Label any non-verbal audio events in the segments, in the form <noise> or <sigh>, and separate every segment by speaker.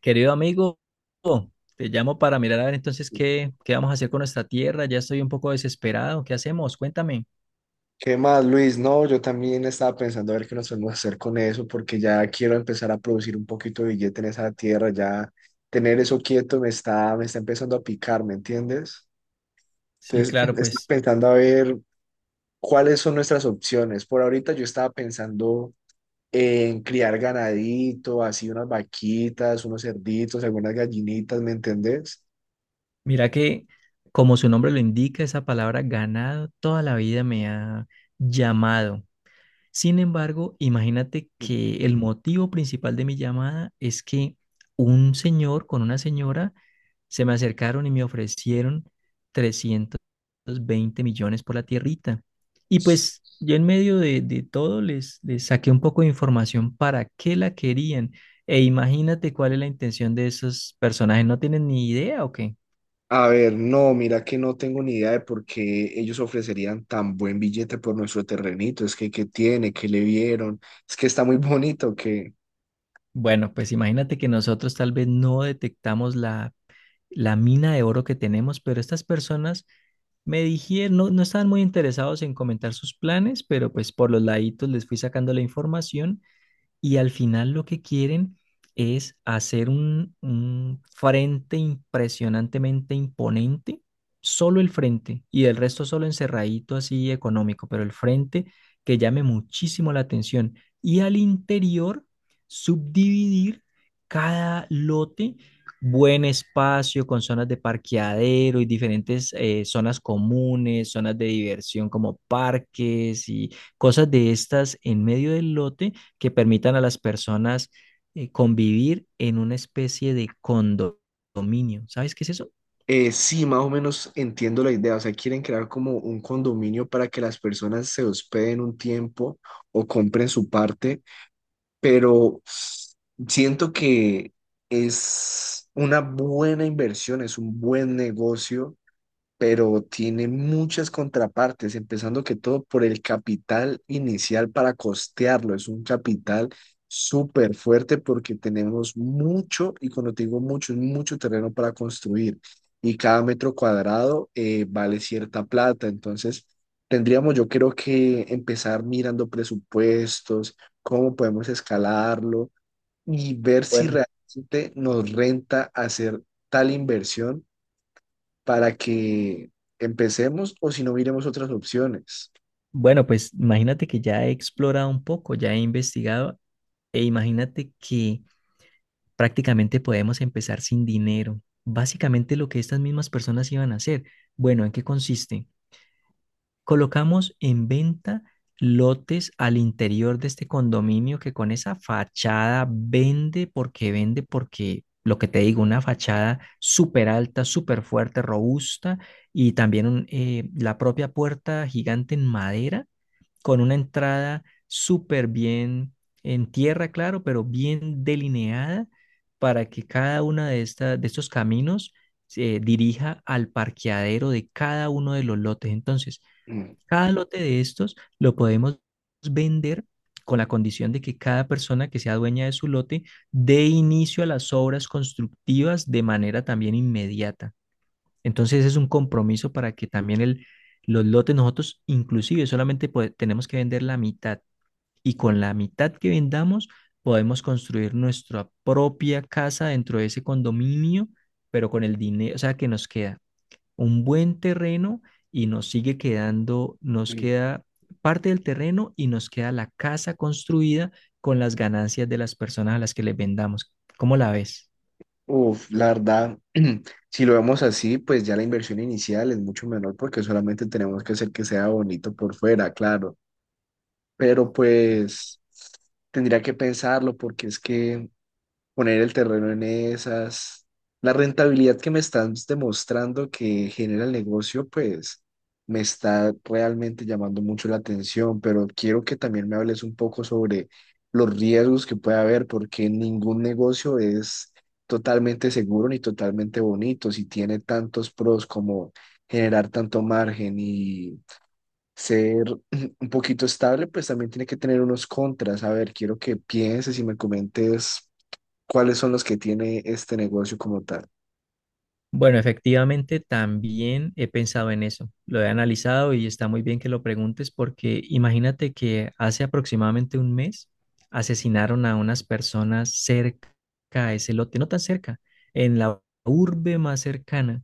Speaker 1: Querido amigo, te llamo para mirar a ver entonces qué vamos a hacer con nuestra tierra. Ya estoy un poco desesperado. ¿Qué hacemos? Cuéntame.
Speaker 2: ¿Qué más, Luis? No, yo también estaba pensando a ver qué nos podemos hacer con eso, porque ya quiero empezar a producir un poquito de billete en esa tierra, ya tener eso quieto me está empezando a picar, ¿me entiendes?
Speaker 1: Sí,
Speaker 2: Entonces, <laughs>
Speaker 1: claro,
Speaker 2: estaba
Speaker 1: pues
Speaker 2: pensando a ver cuáles son nuestras opciones. Por ahorita yo estaba pensando en criar ganadito, así unas vaquitas, unos cerditos, algunas gallinitas, ¿me entendés?
Speaker 1: mira que como su nombre lo indica, esa palabra ganado toda la vida me ha llamado. Sin embargo, imagínate que el motivo principal de mi llamada es que un señor con una señora se me acercaron y me ofrecieron 320 millones por la tierrita. Y pues yo en medio de todo les saqué un poco de información para qué la querían. E imagínate cuál es la intención de esos personajes. ¿No tienen ni idea o qué?
Speaker 2: A ver, no, mira que no tengo ni idea de por qué ellos ofrecerían tan buen billete por nuestro terrenito. Es que, ¿qué tiene? ¿Qué le vieron? Es que está muy bonito, que
Speaker 1: Bueno, pues imagínate que nosotros tal vez no detectamos la mina de oro que tenemos, pero estas personas me dijeron, no, no estaban muy interesados en comentar sus planes, pero pues por los laditos les fui sacando la información y al final lo que quieren es hacer un frente impresionantemente imponente, solo el frente, y el resto solo encerradito así económico, pero el frente que llame muchísimo la atención. Y al interior, subdividir cada lote, buen espacio con zonas de parqueadero y diferentes zonas comunes, zonas de diversión como parques y cosas de estas en medio del lote que permitan a las personas convivir en una especie de condominio. ¿Sabes qué es eso?
Speaker 2: sí, más o menos entiendo la idea. O sea, quieren crear como un condominio para que las personas se hospeden un tiempo o compren su parte, pero siento que es una buena inversión, es un buen negocio, pero tiene muchas contrapartes, empezando que todo por el capital inicial para costearlo. Es un capital súper fuerte porque tenemos mucho, y cuando te digo mucho, es mucho terreno para construir. Y cada metro cuadrado vale cierta plata. Entonces, tendríamos, yo creo que empezar mirando presupuestos, cómo podemos escalarlo y ver si
Speaker 1: Bueno,
Speaker 2: realmente nos renta hacer tal inversión para que empecemos o si no miremos otras opciones.
Speaker 1: Bueno, pues imagínate que ya he explorado un poco, ya he investigado e imagínate que prácticamente podemos empezar sin dinero. Básicamente lo que estas mismas personas iban a hacer. Bueno, ¿en qué consiste? Colocamos en venta lotes al interior de este condominio que con esa fachada vende, porque vende, porque lo que te digo, una fachada súper alta, súper fuerte, robusta y también la propia puerta gigante en madera con una entrada súper bien en tierra, claro, pero bien delineada para que cada una de estos caminos se dirija al parqueadero de cada uno de los lotes. Entonces,
Speaker 2: Mm,
Speaker 1: cada lote de estos lo podemos vender con la condición de que cada persona que sea dueña de su lote dé inicio a las obras constructivas de manera también inmediata. Entonces es un compromiso para que también los lotes nosotros inclusive solamente tenemos que vender la mitad, y con la mitad que vendamos podemos construir nuestra propia casa dentro de ese condominio, pero con el dinero, o sea, que nos queda un buen terreno y nos sigue quedando, nos
Speaker 2: mm.
Speaker 1: queda parte del terreno y nos queda la casa construida con las ganancias de las personas a las que les vendamos. ¿Cómo la ves?
Speaker 2: Uf, la verdad, <clears throat> si lo vemos así, pues ya la inversión inicial es mucho menor porque solamente tenemos que hacer que sea bonito por fuera, claro. Pero pues tendría que pensarlo porque es que poner el terreno en esas. La rentabilidad que me estás demostrando que genera el negocio, pues me está realmente llamando mucho la atención, pero quiero que también me hables un poco sobre los riesgos que puede haber, porque ningún negocio es totalmente seguro ni totalmente bonito, si tiene tantos pros como generar tanto margen y ser <clears throat> un poquito estable, pues también tiene que tener unos contras. A ver, quiero que pienses y me comentes cuáles son los que tiene este negocio como tal.
Speaker 1: Bueno, efectivamente, también he pensado en eso. Lo he analizado y está muy bien que lo preguntes porque imagínate que hace aproximadamente un mes asesinaron a unas personas cerca a ese lote, no tan cerca, en la urbe más cercana.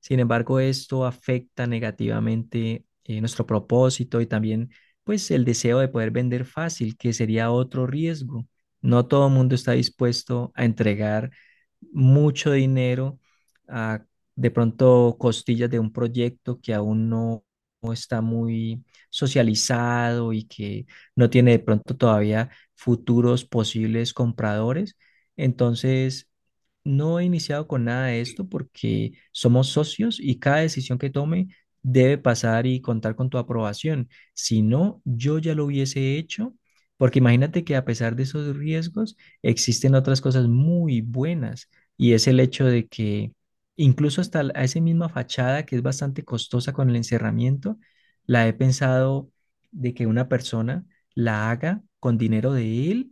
Speaker 1: Sin embargo, esto afecta negativamente nuestro propósito y también pues el deseo de poder vender fácil, que sería otro riesgo. No todo el mundo está dispuesto a entregar mucho dinero a de pronto costillas de un proyecto que aún no está muy socializado y que no tiene de pronto todavía futuros posibles compradores. Entonces, no he iniciado con nada de esto porque somos socios y cada decisión que tome debe pasar y contar con tu aprobación. Si no, yo ya lo hubiese hecho, porque imagínate que a pesar de esos riesgos, existen otras cosas muy buenas y es el hecho de que incluso hasta a esa misma fachada, que es bastante costosa con el encerramiento, la he pensado de que una persona la haga con dinero de él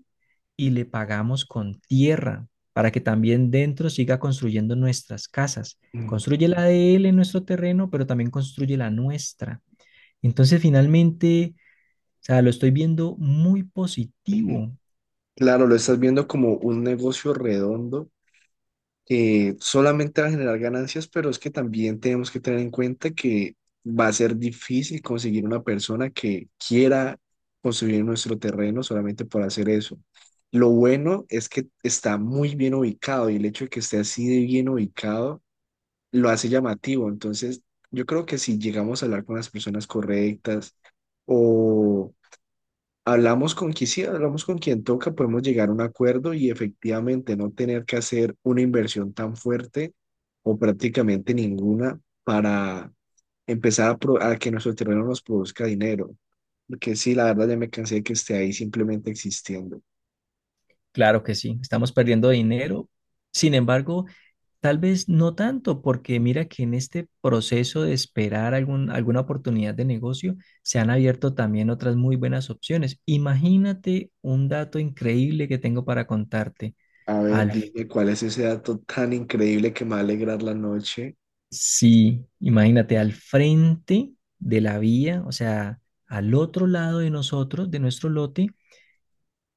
Speaker 1: y le pagamos con tierra para que también dentro siga construyendo nuestras casas. Construye la de él en nuestro terreno, pero también construye la nuestra. Entonces, finalmente, o sea, lo estoy viendo muy positivo.
Speaker 2: Claro, lo estás viendo como un negocio redondo que solamente va a generar ganancias, pero es que también tenemos que tener en cuenta que va a ser difícil conseguir una persona que quiera construir nuestro terreno solamente por hacer eso. Lo bueno es que está muy bien ubicado y el hecho de que esté así de bien ubicado lo hace llamativo. Entonces, yo creo que si llegamos a hablar con las personas correctas o hablamos con quien sí, hablamos con quien toca, podemos llegar a un acuerdo y efectivamente no tener que hacer una inversión tan fuerte o prácticamente ninguna para empezar a, a que nuestro terreno nos produzca dinero. Porque sí, la verdad ya me cansé de que esté ahí simplemente existiendo.
Speaker 1: Claro que sí, estamos perdiendo dinero. Sin embargo, tal vez no tanto, porque mira que en este proceso de esperar alguna oportunidad de negocio, se han abierto también otras muy buenas opciones. Imagínate un dato increíble que tengo para contarte.
Speaker 2: A ver,
Speaker 1: Al
Speaker 2: dime cuál es ese dato tan increíble que me va a alegrar la noche.
Speaker 1: Sí, imagínate, al frente de la vía, o sea, al otro lado de nosotros, de nuestro lote,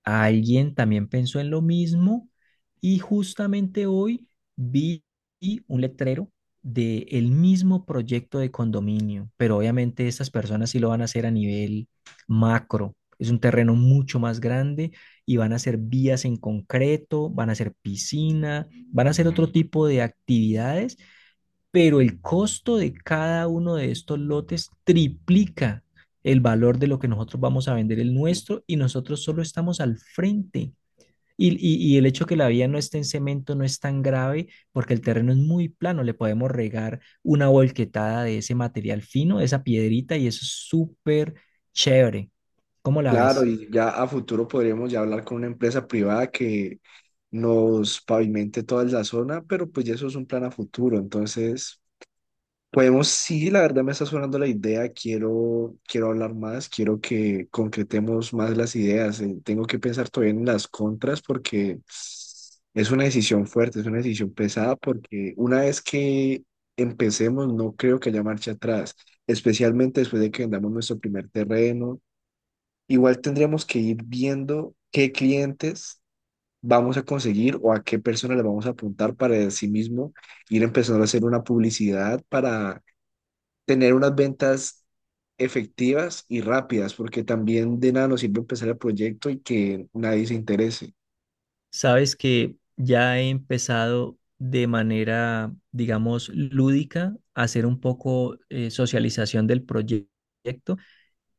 Speaker 1: alguien también pensó en lo mismo y justamente hoy vi un letrero de el mismo proyecto de condominio, pero obviamente estas personas sí lo van a hacer a nivel macro. Es un terreno mucho más grande y van a hacer vías en concreto, van a hacer piscina, van a hacer otro tipo de actividades, pero el costo de cada uno de estos lotes triplica el valor de lo que nosotros vamos a vender el nuestro, y nosotros solo estamos al frente. Y el hecho que la vía no esté en cemento no es tan grave, porque el terreno es muy plano, le podemos regar una volquetada de ese material fino, de esa piedrita y eso es súper chévere. ¿Cómo la
Speaker 2: Claro,
Speaker 1: ves?
Speaker 2: y ya a futuro podríamos ya hablar con una empresa privada que nos pavimente toda la zona, pero pues ya eso es un plan a futuro. Entonces, podemos, sí, la verdad me está sonando la idea, quiero hablar más, quiero que concretemos más las ideas. Tengo que pensar todavía en las contras porque es una decisión fuerte, es una decisión pesada porque una vez que empecemos, no creo que haya marcha atrás, especialmente después de que vendamos nuestro primer terreno. Igual tendríamos que ir viendo qué clientes vamos a conseguir o a qué personas le vamos a apuntar para de sí mismo ir empezando a hacer una publicidad para tener unas ventas efectivas y rápidas, porque también de nada nos sirve empezar el proyecto y que nadie se interese.
Speaker 1: Sabes que ya he empezado de manera, digamos, lúdica a hacer un poco socialización del proyecto,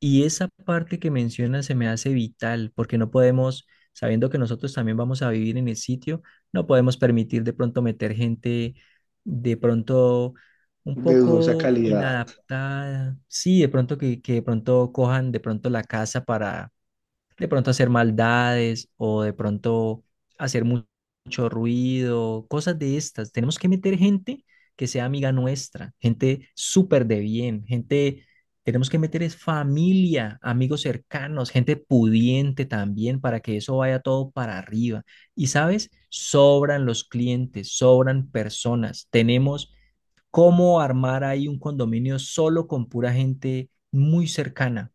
Speaker 1: y esa parte que mencionas se me hace vital porque no podemos, sabiendo que nosotros también vamos a vivir en el sitio, no podemos permitir de pronto meter gente de pronto un
Speaker 2: De dudosa
Speaker 1: poco
Speaker 2: calidad.
Speaker 1: inadaptada, sí, de pronto que de pronto cojan de pronto la casa para de pronto hacer maldades o de pronto hacer mucho ruido, cosas de estas. Tenemos que meter gente que sea amiga nuestra, gente súper de bien, gente, tenemos que meter es familia, amigos cercanos, gente pudiente también para que eso vaya todo para arriba. Y sabes, sobran los clientes, sobran personas. Tenemos cómo armar ahí un condominio solo con pura gente muy cercana.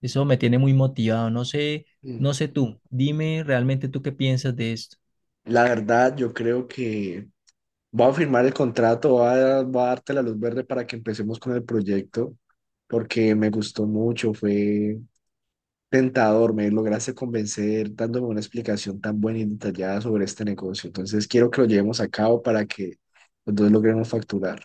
Speaker 1: Eso me tiene muy motivado. No sé,
Speaker 2: Mm.
Speaker 1: no sé tú, dime realmente tú qué piensas de esto.
Speaker 2: La verdad, yo creo que voy a firmar el contrato, voy a darte la luz verde para que empecemos con el proyecto, porque me gustó mucho, fue tentador, me lograste convencer dándome una explicación tan buena y detallada sobre este negocio. Entonces quiero que lo llevemos a cabo para que los dos logremos facturar.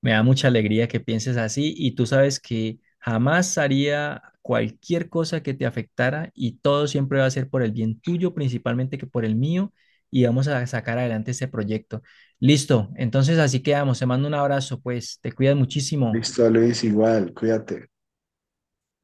Speaker 1: Me da mucha alegría que pienses así y tú sabes que jamás haría cualquier cosa que te afectara y todo siempre va a ser por el bien tuyo, principalmente que por el mío, y vamos a sacar adelante este proyecto. Listo, entonces así quedamos. Te mando un abrazo, pues te cuidas muchísimo.
Speaker 2: Listo, Luis, igual, cuídate.